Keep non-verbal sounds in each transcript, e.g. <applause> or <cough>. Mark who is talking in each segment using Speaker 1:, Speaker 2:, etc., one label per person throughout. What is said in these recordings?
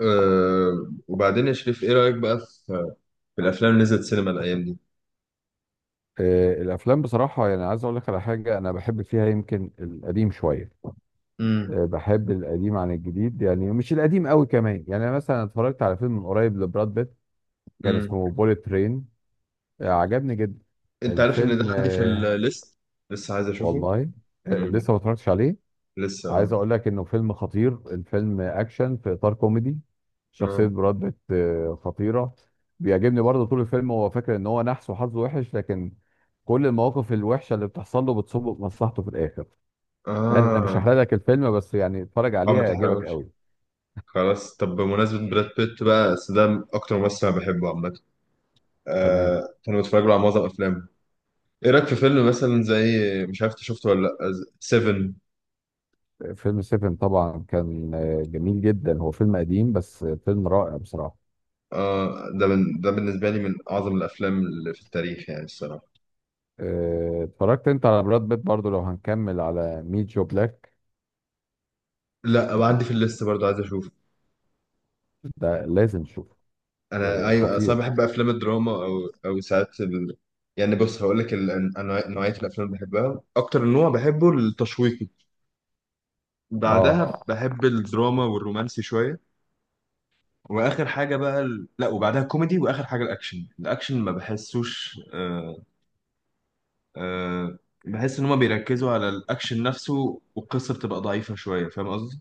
Speaker 1: وبعدين يا شريف، ايه رأيك بقى في, في الافلام اللي نزلت سينما الايام دي؟
Speaker 2: الافلام بصراحه، يعني عايز اقول لك على حاجه، انا بحب فيها يمكن القديم شويه.
Speaker 1: امم.
Speaker 2: بحب القديم عن الجديد، يعني مش القديم قوي كمان. يعني أنا مثلا اتفرجت على فيلم من قريب لبراد بيت، كان
Speaker 1: امم.
Speaker 2: اسمه بوليت ترين. عجبني جدا.
Speaker 1: انت عارف ان ده
Speaker 2: الفيلم.
Speaker 1: عندي في الليست، لسه عايز اشوفه.
Speaker 2: والله.
Speaker 1: امم.
Speaker 2: لسه ما اتفرجتش عليه.
Speaker 1: لسه،
Speaker 2: عايز
Speaker 1: اه،
Speaker 2: اقول لك انه فيلم خطير، الفيلم اكشن في اطار كوميدي. شخصيه
Speaker 1: اه،
Speaker 2: براد بيت خطيره. بيعجبني برضه. طول الفيلم هو فاكر ان هو نحس وحظه وحش، لكن كل المواقف الوحشه اللي بتحصل له بتصب في مصلحته في الاخر. انا مش
Speaker 1: اه،
Speaker 2: هحرق لك الفيلم، بس يعني اتفرج
Speaker 1: اه،
Speaker 2: عليه
Speaker 1: ما
Speaker 2: هيعجبك
Speaker 1: تحرقوش.
Speaker 2: قوي.
Speaker 1: خلاص، طب بمناسبة براد بيت بقى، بس ده اكتر ممثل انا بحبه عامة.
Speaker 2: تمام.
Speaker 1: كانوا بتفرج له على معظم افلامه. ايه رأيك في فيلم مثلا زي، مش عارف انت شفته ولا لا، سيفن؟
Speaker 2: فيلم سيفن طبعا كان جميل جدا. هو فيلم قديم بس فيلم رائع بصراحه.
Speaker 1: اه، ده من، ده بالنسبة لي من اعظم الافلام اللي في التاريخ يعني الصراحة.
Speaker 2: اتفرجت انت على براد بيت برضه؟ لو هنكمل على ميت جو بلاك.
Speaker 1: لا، وعندي في الليست برضه، عايز اشوفه.
Speaker 2: ده لازم تشوفه.
Speaker 1: انا
Speaker 2: آه،
Speaker 1: ايوه، اصلا
Speaker 2: خطير.
Speaker 1: بحب افلام الدراما، او ساعات يعني بص هقول لك، نوعيه الافلام اللي بحبها، اكتر نوع بحبه التشويقي،
Speaker 2: اه.
Speaker 1: بعدها بحب الدراما والرومانسي شويه، واخر حاجه بقى لا، وبعدها كوميدي، واخر حاجه الاكشن. الاكشن ما بحسوش آه... بحس ان هما بيركزوا على الاكشن نفسه والقصه بتبقى ضعيفه شويه، فاهم قصدي؟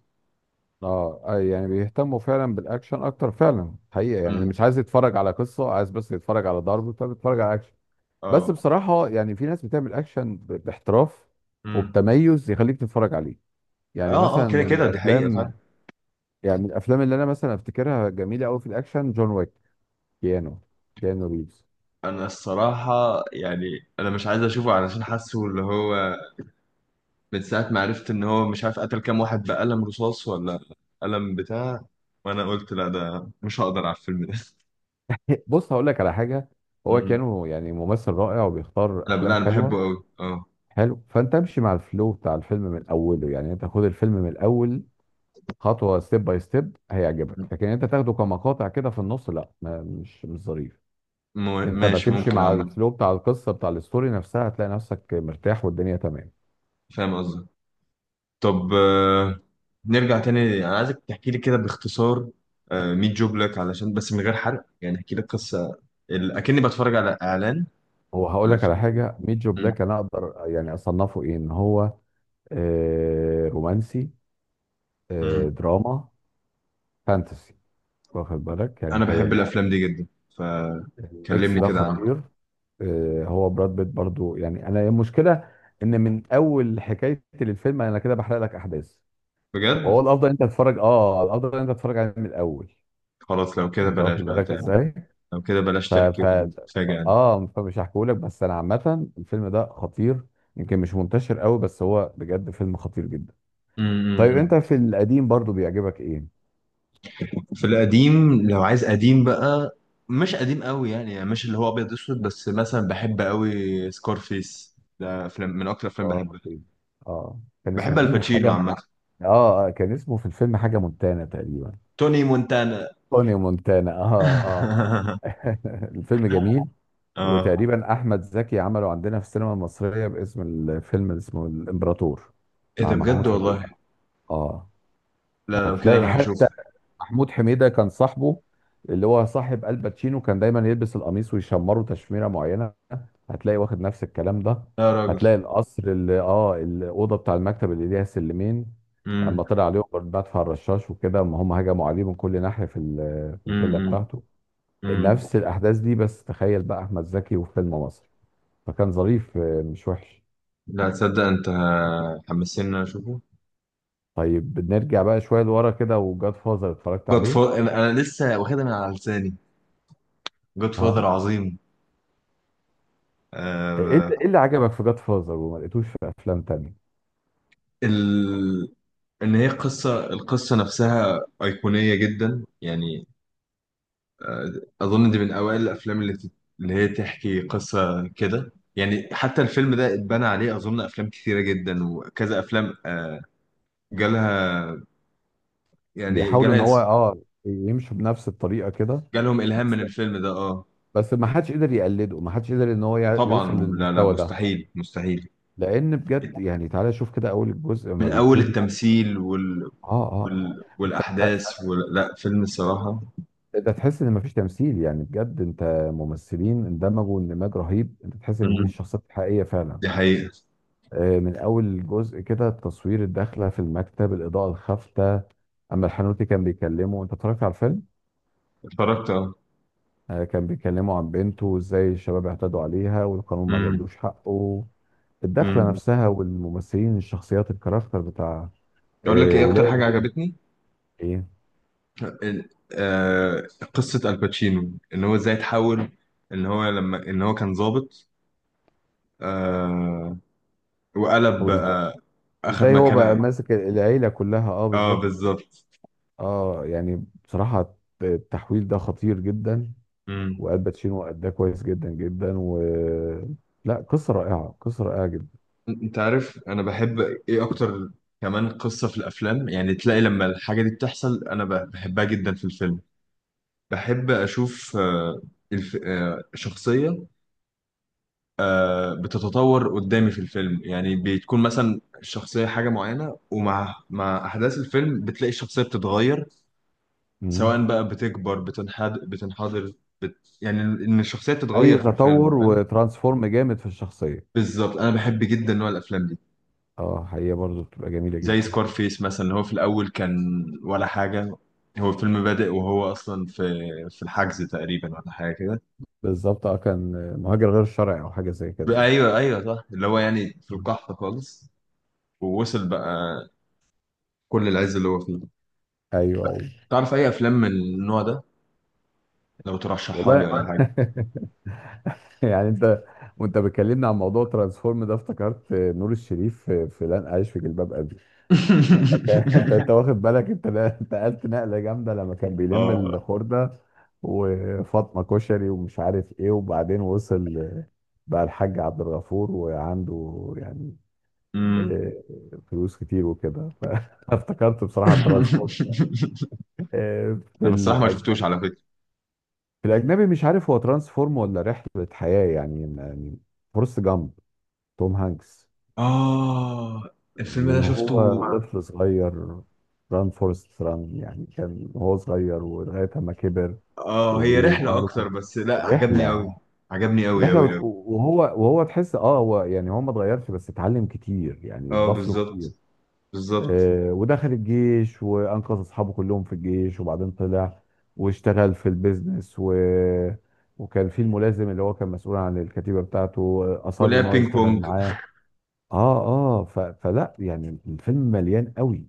Speaker 2: اه. آه، يعني بيهتموا فعلا بالاكشن اكتر، فعلا حقيقه، يعني
Speaker 1: امم.
Speaker 2: مش عايز يتفرج على قصه، عايز بس يتفرج على ضرب، فبيتفرج على اكشن. بس
Speaker 1: اه.
Speaker 2: بصراحه يعني في ناس بتعمل اكشن باحتراف،
Speaker 1: امم.
Speaker 2: وبتميز يخليك تتفرج عليه. يعني
Speaker 1: اه، اه،
Speaker 2: مثلا
Speaker 1: كده
Speaker 2: من
Speaker 1: كده دي حقيقه فعلا.
Speaker 2: الافلام يعني من الافلام اللي انا مثلا افتكرها جميله قوي في الاكشن، جون ويك. كيانو كيانو ريفز.
Speaker 1: انا الصراحه يعني، انا مش عايز اشوفه علشان حاسه اللي هو، من ساعة ما عرفت إن هو مش عارف قتل كام واحد بقلم رصاص، ولا قلم بتاع، وأنا قلت لا، ده مش هقدر على الفيلم ده.
Speaker 2: <laughs> بص هقول لك على حاجه. هو
Speaker 1: مم.
Speaker 2: كيانو يعني ممثل رائع وبيختار
Speaker 1: لا، لا،
Speaker 2: افلام
Speaker 1: أنا
Speaker 2: حلوه.
Speaker 1: بحبه أوي، أه.
Speaker 2: حلو، فانت امشي مع الفلو بتاع الفيلم من اوله، يعني انت خد الفيلم من الاول، خطوه، ستيب باي ستيب، هيعجبك. لكن انت تاخده كمقاطع كده في النص، لا ما مش ظريف. انت ما
Speaker 1: ماشي،
Speaker 2: تمشي
Speaker 1: ممكن
Speaker 2: مع
Speaker 1: عامة.
Speaker 2: الفلو بتاع القصه بتاع الستوري نفسها، هتلاقي نفسك مرتاح والدنيا تمام.
Speaker 1: فاهم قصدك. طب، نرجع تاني، أنا عايزك تحكي لي كده باختصار، ميت جوب لك، علشان بس من غير حرق، يعني احكي لي قصة أكني بتفرج على إعلان
Speaker 2: هو هقول
Speaker 1: على
Speaker 2: لك على
Speaker 1: فيلم.
Speaker 2: حاجه، ميت جو
Speaker 1: مم.
Speaker 2: بلاك انا اقدر يعني اصنفه ايه؟ ان هو رومانسي،
Speaker 1: مم.
Speaker 2: دراما، فانتسي. واخد بالك؟ يعني
Speaker 1: أنا بحب
Speaker 2: خيالي
Speaker 1: الأفلام
Speaker 2: شويه.
Speaker 1: دي جدا،
Speaker 2: الميكس
Speaker 1: فكلمني
Speaker 2: ده
Speaker 1: كده عنها.
Speaker 2: خطير. آه، هو براد بيت برضو. يعني انا المشكله ان من اول حكايتي للفيلم انا كده بحرق لك احداث.
Speaker 1: بجد.
Speaker 2: وهو الافضل انت تتفرج، اه الافضل انت تتفرج عليه من الاول،
Speaker 1: خلاص، لو كده
Speaker 2: يعني انت
Speaker 1: بلاش
Speaker 2: واخد
Speaker 1: بقى.
Speaker 2: بالك ازاي؟
Speaker 1: لو كده بلاش
Speaker 2: ف
Speaker 1: تحكي،
Speaker 2: ف
Speaker 1: وتفاجئنا.
Speaker 2: اه، فمش هحكيهولك. بس انا عامه الفيلم ده خطير، يمكن مش منتشر قوي، بس هو بجد فيلم خطير جدا. طيب انت
Speaker 1: امم.
Speaker 2: في القديم برضو بيعجبك ايه؟
Speaker 1: في القديم، لو عايز قديم بقى، مش قديم قوي يعني, مش اللي هو ابيض اسود، بس مثلا بحب قوي سكارفيس، ده فيلم من اكتر الافلام
Speaker 2: اه.
Speaker 1: بحبها.
Speaker 2: اه. كان
Speaker 1: بحب
Speaker 2: اسمه ايه حاجه؟
Speaker 1: الباتشينو عامه.
Speaker 2: اه، كان اسمه في الفيلم حاجه مونتانا تقريبا.
Speaker 1: توني مونتانا.
Speaker 2: توني مونتانا. اه. اه.
Speaker 1: <laughs>
Speaker 2: <laughs> الفيلم جميل.
Speaker 1: اه.
Speaker 2: وتقريبا احمد زكي عمله عندنا في السينما المصريه، باسم الفيلم اللي اسمه الامبراطور،
Speaker 1: ايه
Speaker 2: مع
Speaker 1: ده بجد،
Speaker 2: محمود
Speaker 1: والله؟
Speaker 2: حميده. اه.
Speaker 1: لا، لو كده
Speaker 2: هتلاقي
Speaker 1: انا
Speaker 2: حتى
Speaker 1: هشوفه.
Speaker 2: محمود حميده كان صاحبه، اللي هو صاحب الباتشينو، كان دايما يلبس القميص ويشمره تشميره معينه. هتلاقي واخد نفس الكلام ده.
Speaker 1: لا يا راجل.
Speaker 2: هتلاقي القصر اللي، اه، الاوضه بتاع المكتب اللي ليها سلمين،
Speaker 1: امم.
Speaker 2: اما طلع عليهم مدفع الرشاش وكده، اما هم هجموا عليه من كل ناحيه في في الفيلا
Speaker 1: امم.
Speaker 2: بتاعته.
Speaker 1: امم.
Speaker 2: نفس الاحداث دي، بس تخيل بقى احمد زكي وفيلم مصري، فكان ظريف مش وحش.
Speaker 1: لا، تصدق انت حمسني ان انا اشوفه.
Speaker 2: طيب نرجع بقى شويه لورا كده، وجاد فازر اتفرجت
Speaker 1: جود
Speaker 2: عليه؟
Speaker 1: فاذر؟ أنا لسه واخدها من على لساني، جود فاذر
Speaker 2: اه.
Speaker 1: عظيم.
Speaker 2: ايه اللي
Speaker 1: آه،
Speaker 2: إيه اللي عجبك في جاد فازر وما لقيتوش في افلام تانية؟
Speaker 1: ال... ان هي القصه نفسها ايقونيه جدا يعني. آه، اظن دي من اوائل الافلام اللي هي تحكي قصه كده. يعني حتى الفيلم ده اتبنى عليه، اظن افلام كتيره جدا وكذا افلام جالها يعني
Speaker 2: بيحاولوا ان هو، اه، يمشوا بنفس الطريقه كده.
Speaker 1: جالهم الهام
Speaker 2: بس
Speaker 1: من الفيلم ده، اه.
Speaker 2: بس ما حدش قدر يقلده، ما حدش قدر ان هو يوصل
Speaker 1: طبعا، لا، لا،
Speaker 2: للمستوى ده.
Speaker 1: مستحيل مستحيل.
Speaker 2: لان بجد يعني تعالى شوف كده اول الجزء
Speaker 1: من
Speaker 2: لما
Speaker 1: اول
Speaker 2: بيبتدي.
Speaker 1: التمثيل
Speaker 2: اه. اه. انت،
Speaker 1: والاحداث لا، فيلم الصراحه.
Speaker 2: ده تحس ان مفيش تمثيل، يعني بجد، انت، ممثلين اندمجوا اندماج رهيب، انت تحس ان دي
Speaker 1: امم،
Speaker 2: الشخصيات الحقيقيه فعلا.
Speaker 1: دي حقيقه.
Speaker 2: آه، من اول جزء كده، التصوير، الداخله في المكتب، الاضاءه الخافته، اما الحنوتي كان بيكلمه، انت اتفرجت على الفيلم؟
Speaker 1: اتفرجت، اه.
Speaker 2: آه، كان بيكلمه عن بنته، وازاي الشباب اعتدوا عليها والقانون ما جابلوش حقه، الدخله
Speaker 1: امم.
Speaker 2: نفسها، والممثلين، الشخصيات، الكاركتر بتاع،
Speaker 1: اقول لك
Speaker 2: آه،
Speaker 1: ايه اكتر حاجه
Speaker 2: ولاده.
Speaker 1: عجبتني؟
Speaker 2: ايه؟
Speaker 1: ال- آه، قصه الباتشينو، ان هو ازاي تحول، ان هو كان ضابط، آه، وقلب
Speaker 2: وازاي؟
Speaker 1: بقى، اخذ
Speaker 2: إزاي هو بقى
Speaker 1: مكانه.
Speaker 2: ماسك العيله كلها؟ اه،
Speaker 1: اه،
Speaker 2: بالظبط.
Speaker 1: بالظبط.
Speaker 2: اه، يعني بصراحة التحويل ده خطير جدا.
Speaker 1: مم.
Speaker 2: والباتشينو أداه كويس جدا جدا. و، لا قصة رائعة، قصة رائعة جدا.
Speaker 1: انت عارف انا بحب ايه اكتر؟ كمان قصه في الافلام، يعني تلاقي لما الحاجه دي بتحصل انا بحبها جدا في الفيلم. بحب اشوف آه، الف... آه، شخصيه بتتطور قدامي في الفيلم، يعني بتكون مثلا الشخصية حاجة معينة، ومع أحداث الفيلم بتلاقي الشخصية بتتغير، سواء
Speaker 2: مم.
Speaker 1: بقى بتكبر، بتنحدر، يعني إن الشخصية
Speaker 2: أي
Speaker 1: بتتغير في
Speaker 2: تطور
Speaker 1: الفيلم، فاهم؟
Speaker 2: وترانسفورم جامد في الشخصية.
Speaker 1: بالظبط، أنا بحب جدا نوع الأفلام دي.
Speaker 2: اه، حقيقة برضو بتبقى جميلة
Speaker 1: زي
Speaker 2: جدا.
Speaker 1: سكارفيس مثلا، هو في الأول كان ولا حاجة، هو الفيلم بادئ وهو أصلا في الحجز تقريبا، ولا حاجة كده.
Speaker 2: بالظبط. اه، كان مهاجر غير شرعي، أو حاجة زي كده يعني.
Speaker 1: أيوه، أيوه، صح، اللي هو يعني في
Speaker 2: مم.
Speaker 1: القحط خالص. ووصل بقى كل العز اللي هو فيه.
Speaker 2: أيوه، أيوه.
Speaker 1: تعرف اي افلام من النوع ده، لو ترشحها لي
Speaker 2: والله
Speaker 1: ولا
Speaker 2: <laughs>
Speaker 1: حاجه؟
Speaker 2: يعني أنت، وأنت بتكلمني عن موضوع ترانسفورم ده افتكرت نور الشريف في لن أعيش في جلباب أبي، لما كان <laughs> انت
Speaker 1: <laughs>
Speaker 2: واخد بالك؟ انت نقلت نقله جامده لما كان بيلم
Speaker 1: اه.
Speaker 2: الخرده وفاطمه كشري ومش عارف ايه، وبعدين وصل بقى الحاج عبد الغفور، وعنده يعني،
Speaker 1: امم.
Speaker 2: اه، فلوس كتير وكده. فافتكرت <laughs> بصراحه ترانسفورم.
Speaker 1: <laughs>
Speaker 2: اه،
Speaker 1: انا الصراحه ما شفتوش على فكره.
Speaker 2: في الاجنبي مش عارف هو ترانسفورم ولا رحله حياه، يعني. فورست جامب. توم هانكس.
Speaker 1: اه، الفيلم ده
Speaker 2: من
Speaker 1: شفته.
Speaker 2: هو طفل صغير، ران فورست ران، يعني كان هو صغير ولغايه ما كبر.
Speaker 1: اه، هي رحله
Speaker 2: وبرضه كان
Speaker 1: اكتر، بس لا عجبني قوي.
Speaker 2: رحلة
Speaker 1: عجبني قوي
Speaker 2: رحلة
Speaker 1: قوي قوي.
Speaker 2: وهو تحس، اه، هو يعني هو ما اتغيرش بس اتعلم كتير، يعني
Speaker 1: اه،
Speaker 2: اتضاف له
Speaker 1: بالظبط،
Speaker 2: كتير.
Speaker 1: بالظبط.
Speaker 2: آه، ودخل الجيش وانقذ اصحابه كلهم في الجيش، وبعدين طلع واشتغل في البيزنس، وكان في الملازم اللي هو كان مسؤول عن الكتيبة بتاعته، اصر ان
Speaker 1: ولعب
Speaker 2: هو
Speaker 1: بينج
Speaker 2: يشتغل
Speaker 1: بونج.
Speaker 2: معاه. اه. اه. فلا يعني الفيلم مليان قوي.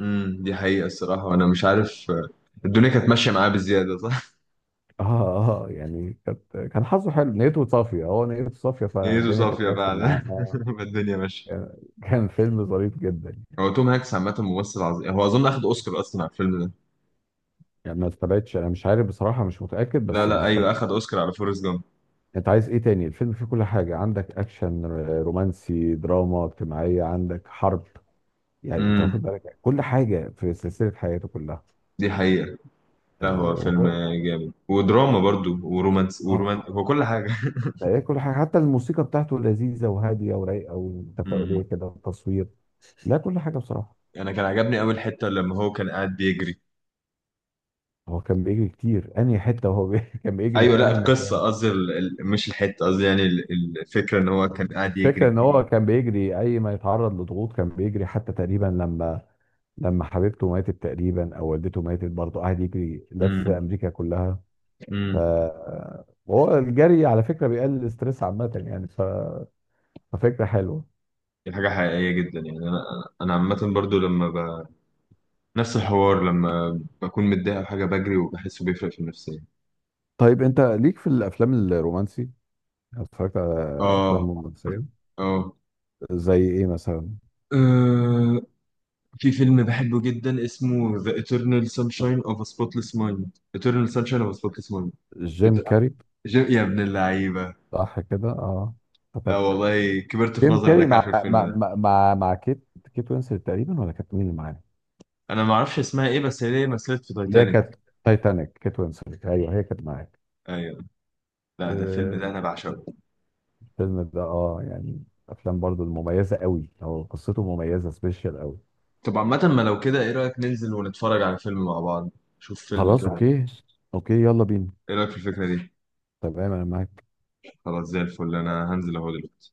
Speaker 1: امم، دي حقيقه الصراحه، وانا مش عارف الدنيا كانت ماشيه معاه بزياده، صح.
Speaker 2: اه. اه. يعني كانت، كان حظه حلو، نيته صافية، هو نيته صافية
Speaker 1: <laughs> ايده
Speaker 2: فالدنيا كانت
Speaker 1: صافيه
Speaker 2: ماشية
Speaker 1: فعلا،
Speaker 2: معاه. اه.
Speaker 1: <laughs> الدنيا ماشيه.
Speaker 2: كان كان فيلم ظريف جدا.
Speaker 1: هو توم هانكس عامه ممثل عظيم، هو اظن اخد اوسكار اصلا على الفيلم ده.
Speaker 2: يعني ما استبعدش، انا مش عارف بصراحه، مش متاكد،
Speaker 1: لا،
Speaker 2: بس ما
Speaker 1: لا، ايوه،
Speaker 2: استبعدش.
Speaker 1: اخد اوسكار على فورست جامب.
Speaker 2: انت عايز ايه تاني؟ الفيلم فيه كل حاجه عندك، اكشن، رومانسي، دراما اجتماعيه، عندك حرب، يعني انت
Speaker 1: امم،
Speaker 2: واخد بالك كل حاجه في سلسله حياته كلها.
Speaker 1: دي حقيقة. لا، هو
Speaker 2: اه
Speaker 1: فيلم
Speaker 2: وهو-
Speaker 1: جامد، ودراما برضو، ورومانس
Speaker 2: آه،
Speaker 1: هو كل حاجة.
Speaker 2: تلاقيه كل حاجه، حتى الموسيقى بتاعته لذيذه وهاديه ورايقه وتفاؤليه
Speaker 1: <laughs> امم.
Speaker 2: كده، والتصوير، لا كل حاجه بصراحه.
Speaker 1: انا كان عجبني اول حتة لما هو كان قاعد بيجري.
Speaker 2: هو كان بيجري كتير، انهي حته وهو <laughs> كان بيجري
Speaker 1: ايوه
Speaker 2: في
Speaker 1: لا،
Speaker 2: انهي
Speaker 1: القصة
Speaker 2: مكان.
Speaker 1: قصدي مش الحتة، قصدي يعني الفكرة ان هو كان قاعد يجري
Speaker 2: الفكرة ان هو
Speaker 1: كتير.
Speaker 2: كان بيجري اي ما يتعرض لضغوط كان بيجري، حتى تقريبا لما، لما حبيبته ماتت تقريبا او والدته ماتت برضه قعد يجري لف
Speaker 1: امم.
Speaker 2: امريكا كلها. ف-
Speaker 1: امم.
Speaker 2: وهو الجري على فكرة بيقلل الاستريس عامة يعني، ففكرة حلوة.
Speaker 1: دي حاجة حقيقية جدا، يعني انا عامة برضو، نفس الحوار لما بكون متضايق او حاجة، بجري وبحسه بيفرق في النفسية.
Speaker 2: طيب انت ليك في الافلام الرومانسي، اتفرجت على افلام
Speaker 1: اه،
Speaker 2: رومانسية
Speaker 1: اه.
Speaker 2: زي ايه مثلا؟
Speaker 1: آه. في فيلم بحبه جدا اسمه The Eternal Sunshine of a Spotless Mind، Eternal Sunshine of a Spotless Mind.
Speaker 2: جيم
Speaker 1: بت-
Speaker 2: كاري.
Speaker 1: يا ابن اللعيبة.
Speaker 2: صح كده. اه،
Speaker 1: لا
Speaker 2: افتكرت.
Speaker 1: والله، كبرت في
Speaker 2: جيم
Speaker 1: نظري
Speaker 2: كاري
Speaker 1: انك عارف
Speaker 2: مع
Speaker 1: الفيلم ده.
Speaker 2: مع مع كيت. كيت وينسلت تقريبا، ولا كانت مين اللي معاه؟
Speaker 1: انا ما اعرفش اسمها ايه، بس هي مثلت في
Speaker 2: اللي هي
Speaker 1: تايتانيك.
Speaker 2: كانت، تايتانيك، كيت وينسلت، ايوه هي كانت معاك.
Speaker 1: ايوه. لا، ده الفيلم
Speaker 2: آه،
Speaker 1: ده انا بعشقه.
Speaker 2: الفيلم ده، اه يعني، افلام برضو المميزه قوي، هو قصته مميزه سبيشال قوي.
Speaker 1: طب عامة، ما لو كده ايه رأيك ننزل ونتفرج على فيلم مع بعض، شوف فيلم
Speaker 2: خلاص
Speaker 1: كده؟
Speaker 2: اوكي. اوكي يلا بينا.
Speaker 1: ايه رأيك في الفكرة دي؟
Speaker 2: تمام انا معاك.
Speaker 1: خلاص، زي الفل، انا هنزل اهو دلوقتي.